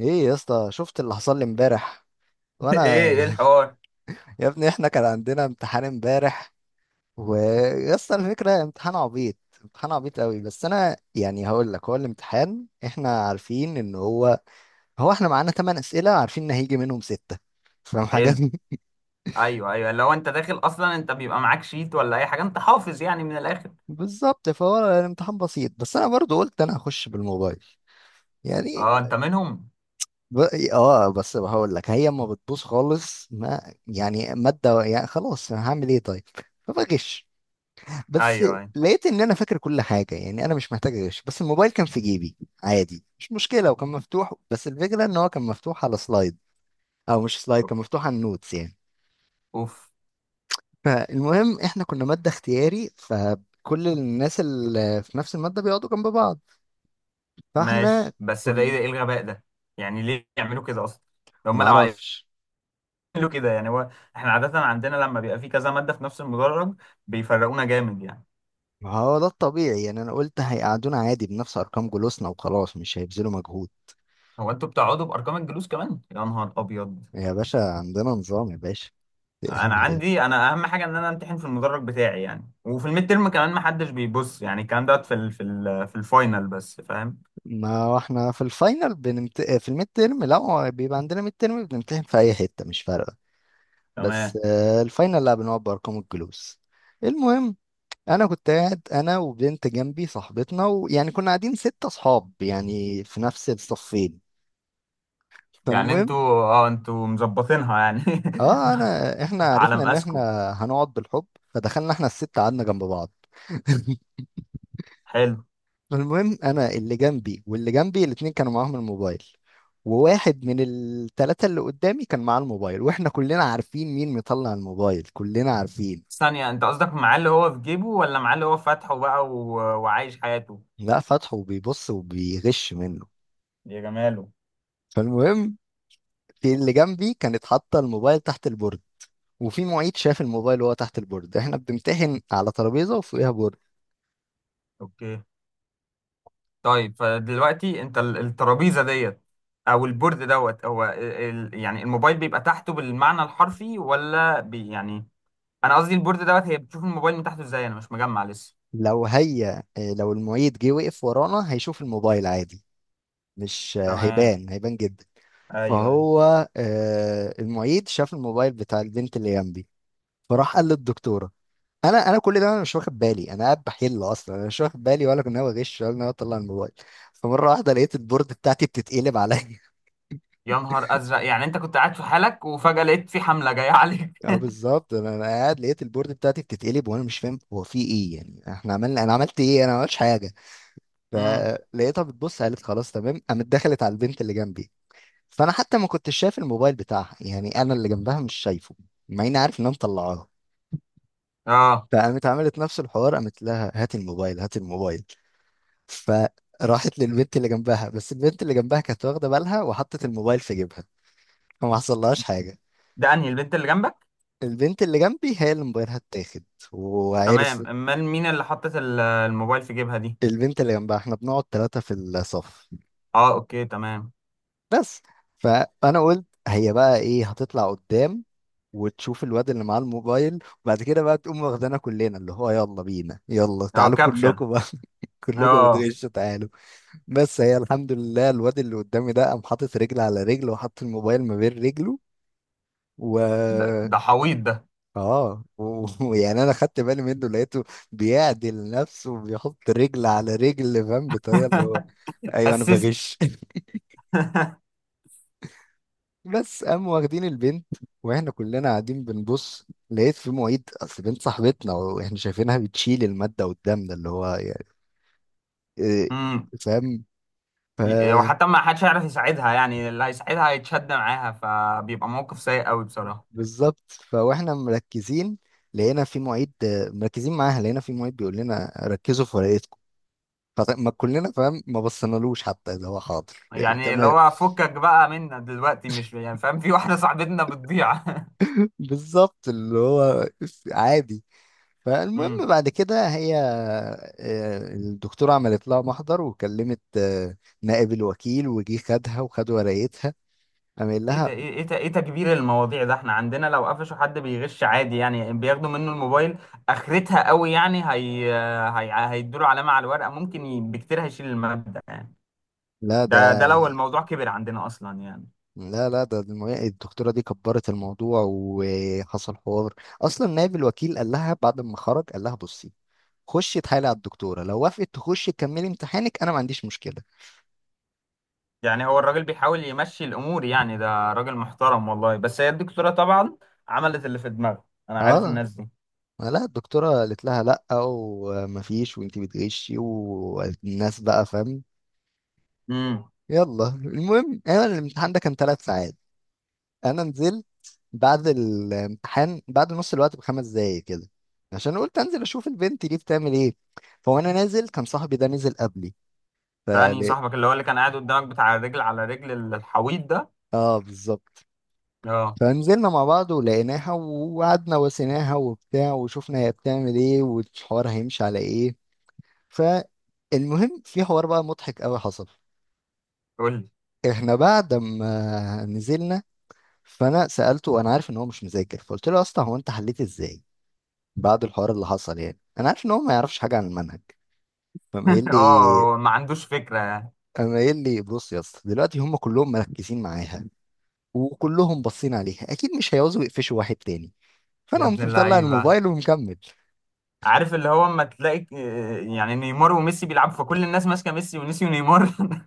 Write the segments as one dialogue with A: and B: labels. A: ايه يا اسطى، شفت اللي حصل لي امبارح
B: ايه
A: وانا
B: ايه الحوار؟
A: يا ابني احنا كان عندنا امتحان امبارح. ويا اسطى الفكره امتحان عبيط امتحان عبيط قوي. بس انا يعني هقول لك، هو الامتحان احنا عارفين ان هو احنا معانا 8 اسئله، عارفين ان هيجي منهم سته. فاهم حاجه؟
B: حلو. ايوه، ايوه، لو انت داخل اصلا انت بيبقى معاك شيت ولا اي حاجه، انت حافظ يعني من الاخر.
A: بالظبط، فهو الامتحان بسيط، بس انا برضو قلت انا هخش بالموبايل يعني.
B: اه، انت منهم؟
A: ب... اه، بس هقول لك هي ما بتبوظ خالص، ما يعني ماده، يعني خلاص هعمل ايه طيب؟ فبغش. بس
B: ايوه، ايوه.
A: لقيت ان انا فاكر كل حاجه، يعني انا مش محتاج اغش، بس الموبايل كان في جيبي عادي، مش مشكله، وكان مفتوح. بس الفكره ان هو كان مفتوح على سلايد، او مش سلايد، كان مفتوح على النوتس يعني.
B: اوف.
A: فالمهم احنا كنا ماده اختياري، فكل الناس اللي في نفس الماده بيقعدوا جنب بعض. فاحنا
B: ماشي، بس ده ايه؟
A: كنا،
B: ده ايه الغباء ده؟ يعني ليه يعملوا كده اصلا؟ هم لو عملوا
A: معرفش،
B: كده يعني هو، احنا عاده عندنا لما بيبقى في كذا ماده في نفس المدرج بيفرقونا جامد يعني.
A: ما هو ده الطبيعي يعني. انا قلت هيقعدونا عادي بنفس ارقام جلوسنا وخلاص، مش هيبذلوا مجهود.
B: هو انتوا بتقعدوا بارقام الجلوس كمان؟ يا نهار ابيض.
A: يا باشا عندنا نظام يا باشا
B: انا عندي، انا اهم حاجه ان انا امتحن في المدرج بتاعي يعني، وفي الميد ترم كمان ما حدش بيبص، يعني الكلام دوت في الفاينل بس، فاهم؟
A: ما هو احنا في الفاينل بنمت... آه، في الميد تيرم لا، هو بيبقى عندنا ميد تيرم بنمتحن في اي حته مش فارقه. بس
B: تمام.
A: الفاينل لا، بنقعد بارقام الجلوس. المهم، انا كنت قاعد انا وبنت جنبي صاحبتنا، ويعني كنا قاعدين ستة اصحاب يعني في نفس الصفين.
B: يعني
A: فالمهم،
B: انتوا مظبطينها يعني.
A: اه، احنا
B: على
A: عرفنا ان احنا
B: مقاسكم.
A: هنقعد بالحب، فدخلنا احنا الستة قعدنا جنب بعض
B: حلو.
A: المهم، انا اللي جنبي واللي جنبي الاتنين كانوا معاهم الموبايل، وواحد من التلاتة اللي قدامي كان معاه الموبايل، واحنا كلنا عارفين مين مطلع الموبايل، كلنا عارفين.
B: ثانيه، انت قصدك معاه اللي هو في جيبه، ولا معاه اللي هو فاتحه بقى و... وعايش حياته؟
A: لا، فتحه وبيبص وبيغش منه.
B: يا جماله.
A: فالمهم، في اللي جنبي كانت حاطة الموبايل تحت البورد، وفي معيد شاف الموبايل وهو تحت البورد. احنا بنمتحن على ترابيزة وفوقيها بورد.
B: اوكي، طيب، فدلوقتي انت الترابيزه ديت او البورد دوت هو يعني الموبايل بيبقى تحته بالمعنى الحرفي ولا بي يعني؟ انا قصدي البورد دوت هي بتشوف الموبايل من تحته ازاي؟ انا مش مجمع لسه.
A: لو هي لو المعيد جه وقف ورانا هيشوف الموبايل عادي، مش
B: تمام،
A: هيبان، هيبان جدا.
B: ايوه، ايوه.
A: فهو المعيد شاف الموبايل بتاع البنت اللي جنبي، فراح قال للدكتوره. انا كل ده انا مش واخد بالي، انا قاعد بحل اصلا، انا مش واخد بالي، ولا كنت ناوي اغش، ولا ناوي اطلع الموبايل. فمره واحده لقيت البورد بتاعتي بتتقلب عليا.
B: يا نهار ازرق، يعني انت كنت قاعد في حالك وفجأة لقيت في حملة جاية عليك؟
A: اه بالظبط، انا قاعد لقيت البورد بتاعتي بتتقلب، وانا مش فاهم هو في ايه. يعني احنا عملنا، انا عملت ايه؟ انا ما عملتش حاجه.
B: امم.
A: فلقيتها بتبص، قالت خلاص تمام، قامت دخلت على البنت اللي جنبي. فانا حتى ما كنتش شايف الموبايل بتاعها، يعني انا اللي جنبها مش شايفه، مع اني عارف ان انا مطلعاه.
B: اه،
A: فقامت عملت نفس الحوار، قامت لها هات الموبايل، هات الموبايل. فراحت للبنت اللي جنبها، بس البنت اللي جنبها كانت واخده بالها وحطت الموبايل في جيبها، فما حصلهاش حاجه.
B: ده انهي البنت اللي جنبك؟
A: البنت اللي جنبي هي اللي موبايلها اتاخد. وعرف،
B: تمام، امال مين اللي حطت الموبايل في جيبها دي؟
A: البنت اللي جنبها، احنا بنقعد ثلاثه في الصف.
B: اه، اوكي، تمام.
A: بس فانا قلت هي بقى ايه، هتطلع قدام وتشوف الواد اللي معاه الموبايل، وبعد كده بقى تقوم واخدانا كلنا، اللي هو يلا بينا، يلا
B: اه،
A: تعالوا
B: كابشن.
A: كلكم بقى، كلكم
B: اه،
A: بتغشوا تعالوا. بس هي الحمد لله، الواد اللي قدامي ده قام حاطط رجل على رجل وحط الموبايل ما بين رجله، و
B: ده ده حويط ده.
A: ويعني انا خدت بالي منه، لقيته بيعدل نفسه وبيحط رجل على رجل، فاهم بطريقه اللي هو ايوه انا
B: اسيست.
A: بغش بس قام واخدين البنت. واحنا كلنا قاعدين بنبص، لقيت في معيد، اصل بنت صاحبتنا واحنا شايفينها بتشيل الماده قدامنا، اللي هو يعني إيه،
B: امم.
A: فاهم.
B: وحتى ما حدش هيعرف يساعدها، يعني اللي هيساعدها هيتشد معاها، فبيبقى موقف سيء قوي بصراحة.
A: بالظبط، فواحنا مركزين لقينا في معيد، مركزين معاها، لقينا في معيد بيقول لنا ركزوا في ورقتكم. فما كلنا فاهم، ما بصينالوش حتى اذا هو حاضر يعني.
B: يعني اللي
A: تمام
B: هو فكك بقى منا دلوقتي، مش يعني فاهم في واحده صاحبتنا بتضيع؟
A: بالظبط، اللي هو عادي. فالمهم
B: امم.
A: بعد كده هي الدكتورة عملت لها محضر، وكلمت نائب الوكيل، وجي خدها وخد ورقتها. قام قايل
B: ايه ده؟
A: لها،
B: ايه ده ايه تكبير المواضيع ده؟ احنا عندنا لو قفشوا حد بيغش عادي يعني بياخدوا منه الموبايل، اخرتها قوي يعني. هي هيدوله علامه على الورقه، ممكن بكتير هيشيل الماده يعني.
A: لا
B: ده
A: ده،
B: ده لو الموضوع كبر عندنا اصلا يعني.
A: لا، ده الدكتورة دي كبرت الموضوع وحصل حوار. أصلا نائب الوكيل قال لها بعد ما خرج، قال لها بصي، خشي اتحايلي على الدكتورة، لو وافقت تخشي تكملي امتحانك أنا ما عنديش مشكلة.
B: يعني هو الراجل بيحاول يمشي الامور يعني، ده راجل محترم والله، بس هي الدكتوره طبعا عملت اللي في دماغها. انا عارف
A: اه،
B: الناس دي.
A: لا، الدكتورة قالت لها لأ، ومفيش، وانتي بتغشي، والناس بقى فاهم.
B: امم.
A: يلا، المهم، أنا الامتحان ده كان ثلاث ساعات. أنا نزلت بعد الامتحان، بعد نص الوقت بخمس دقايق كده، عشان قلت انزل اشوف البنت دي بتعمل ايه. فوانا نازل كان صاحبي ده نزل قبلي،
B: تاني،
A: فقال-
B: صاحبك اللي هو اللي كان قاعد قدامك بتاع الرجل على رجل الحويط ده؟
A: اه بالظبط.
B: اه.
A: فنزلنا مع بعض ولقيناها، وقعدنا وسيناها وبتاع، وشفنا هي بتعمل ايه والحوار هيمشي على ايه. فالمهم، في حوار بقى مضحك قوي حصل.
B: قول لي.
A: احنا بعد ما نزلنا، فانا سالته، انا عارف ان هو مش مذاكر، فقلت له يا اسطى هو انت حليت ازاي بعد الحوار اللي حصل؟ يعني انا عارف ان هو ما يعرفش حاجه عن المنهج. فقام قايل لي
B: اه، ما عندوش فكرة يعني.
A: قام قايل لي، بص يا اسطى دلوقتي هم كلهم مركزين معاها، وكلهم باصين عليها، اكيد مش هيعوزوا يقفشوا واحد تاني،
B: يا
A: فانا
B: ابن
A: قمت مطلع
B: اللعيبة.
A: الموبايل ومكمل.
B: عارف اللي هو اما تلاقي يعني نيمار وميسي بيلعبوا، فكل الناس ماسكة ميسي ونسيوا نيمار؟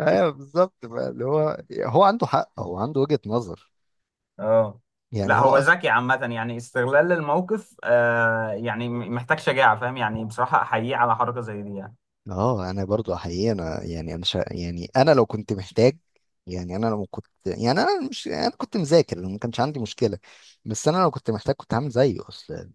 A: ايوه بالظبط بقى، اللي هو هو عنده حق، هو عنده وجهة نظر.
B: اه.
A: يعني
B: لا،
A: هو
B: هو ذكي عامة يعني، استغلال الموقف آه يعني محتاج شجاعة، فاهم يعني، بصراحة أحييه على حركة زي دي يعني.
A: اه، انا برضو حقيقي، انا يعني انا يعني انا لو كنت محتاج، يعني انا لو كنت، يعني انا مش، انا كنت مذاكر ما كانش عندي مشكله، بس انا لو كنت محتاج كنت هعمل زيه اصلا.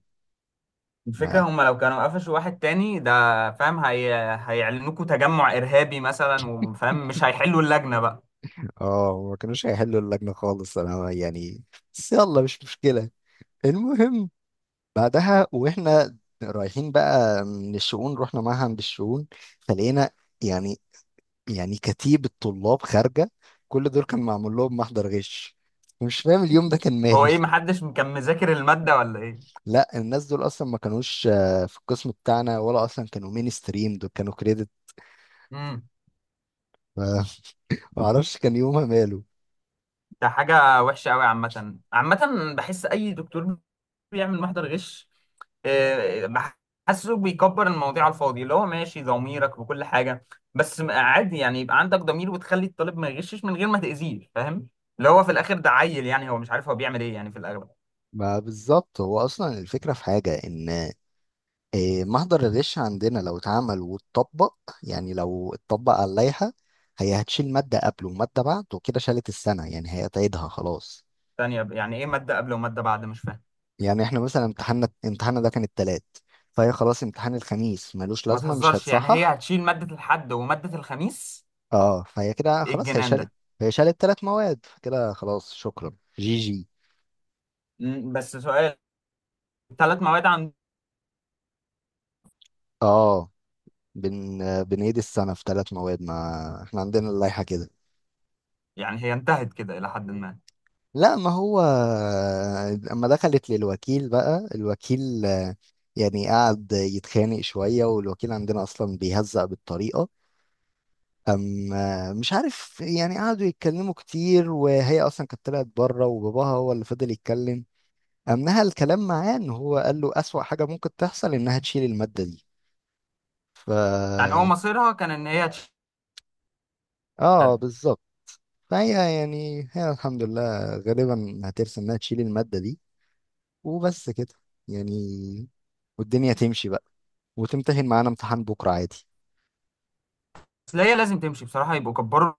B: الفكرة
A: ما
B: هم لو كانوا قفشوا واحد تاني ده فاهم هيعلنوكوا تجمع إرهابي مثلا، وفاهم مش هيحلوا اللجنة بقى.
A: اه ما كانوش هيحلوا اللجنه خالص انا يعني، بس يلا، مش مشكله. المهم بعدها، واحنا رايحين بقى من الشؤون، رحنا معهد الشؤون. فلقينا يعني، يعني كتيبة طلاب خارجة، كل دول كان معمول لهم محضر غش، ومش فاهم اليوم ده كان
B: هو
A: ماله.
B: ايه؟ محدش كان مذاكر المادة ولا ايه؟
A: لا، الناس دول اصلا ما كانوش في القسم بتاعنا، ولا اصلا كانوا مين ستريم، دول كانوا كريدت.
B: امم.
A: ف- ما اعرفش كان يومها ماله.
B: ده حاجة وحشة قوي عامة عامة. بحس اي دكتور بيعمل محضر غش آه، بحسه بيكبر المواضيع على الفاضي، اللي هو ماشي ضميرك وكل حاجة، بس عادي يعني يبقى عندك ضمير وتخلي الطالب ما يغشش من غير ما تأذيه، فاهم؟ اللي هو في الآخر ده عيل يعني، هو مش عارف هو بيعمل ايه يعني في الأغلب.
A: ما بالظبط، هو اصلا الفكره في حاجه ان محضر الغش عندنا لو اتعمل واتطبق، يعني لو اتطبق على اللائحه، هي هتشيل ماده قبله وماده بعده، وكده شالت السنه يعني، هي هتعيدها خلاص.
B: ثانية يعني ايه مادة قبل ومادة بعد؟ مش فاهم.
A: يعني احنا مثلا امتحاننا ده كان التلات، فهي خلاص امتحان الخميس ملوش
B: ما
A: لازمة، مش
B: تهزرش، يعني هي
A: هيتصحح.
B: هتشيل مادة الحد ومادة الخميس؟
A: اه، فهي كده
B: إيه
A: خلاص،
B: الجنان ده؟
A: هي شالت تلات مواد، فكده خلاص شكرا جي جي.
B: بس سؤال، ثلاث مواد؟
A: اه، بنعيد السنة في تلات مواد، ما احنا عندنا اللائحة كده.
B: يعني هي انتهت كده إلى حد ما؟
A: لا، ما هو، اما دخلت للوكيل بقى، الوكيل يعني قعد يتخانق شوية، والوكيل عندنا اصلا بيهزق بالطريقة. أم مش عارف، يعني قعدوا يتكلموا كتير، وهي أصلا كانت طلعت بره، وباباها هو اللي فضل يتكلم. نهى الكلام معاه إن هو قال له أسوأ حاجة ممكن تحصل إنها تشيل المادة دي. ف
B: يعني هو مصيرها كان إن هي تشتغل.
A: بالظبط. فهي يعني هي الحمد لله غالبا هترسم إنها تشيل المادة دي، وبس كده يعني، والدنيا تمشي بقى، وتمتحن معانا امتحان بكرة عادي.
B: بس هي لازم تمشي بصراحة، يبقوا كبروا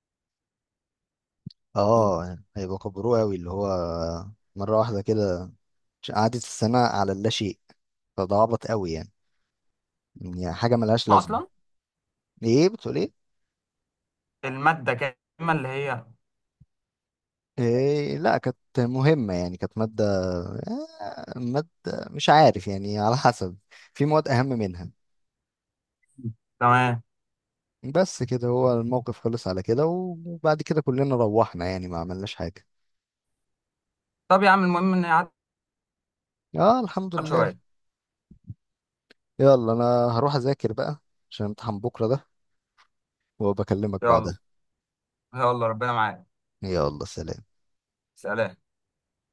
B: الجمهور.
A: هيبقى كبروه أوي اللي هو، مرة واحدة كده قعدت السنة على اللاشيء. فده عبط قوي يعني، يعني حاجه ملهاش لازمه.
B: أصلا
A: ايه بتقول ايه؟
B: المادة كاملة اللي هي.
A: إيه، لا كانت مهمة، يعني كانت مادة، مادة، مش عارف يعني، على حسب، في مواد أهم منها.
B: تمام.
A: بس كده، هو الموقف خلص على كده، وبعد كده كلنا روحنا، يعني ما عملناش حاجة.
B: طب يا عم، المهم إن هي
A: اه الحمد
B: عدت
A: لله.
B: شوية.
A: يلا أنا هروح أذاكر بقى عشان امتحان بكرة ده، وبكلمك
B: يلا.
A: بعدها.
B: يلا، ربنا معاك.
A: يلا سلام.
B: سلام.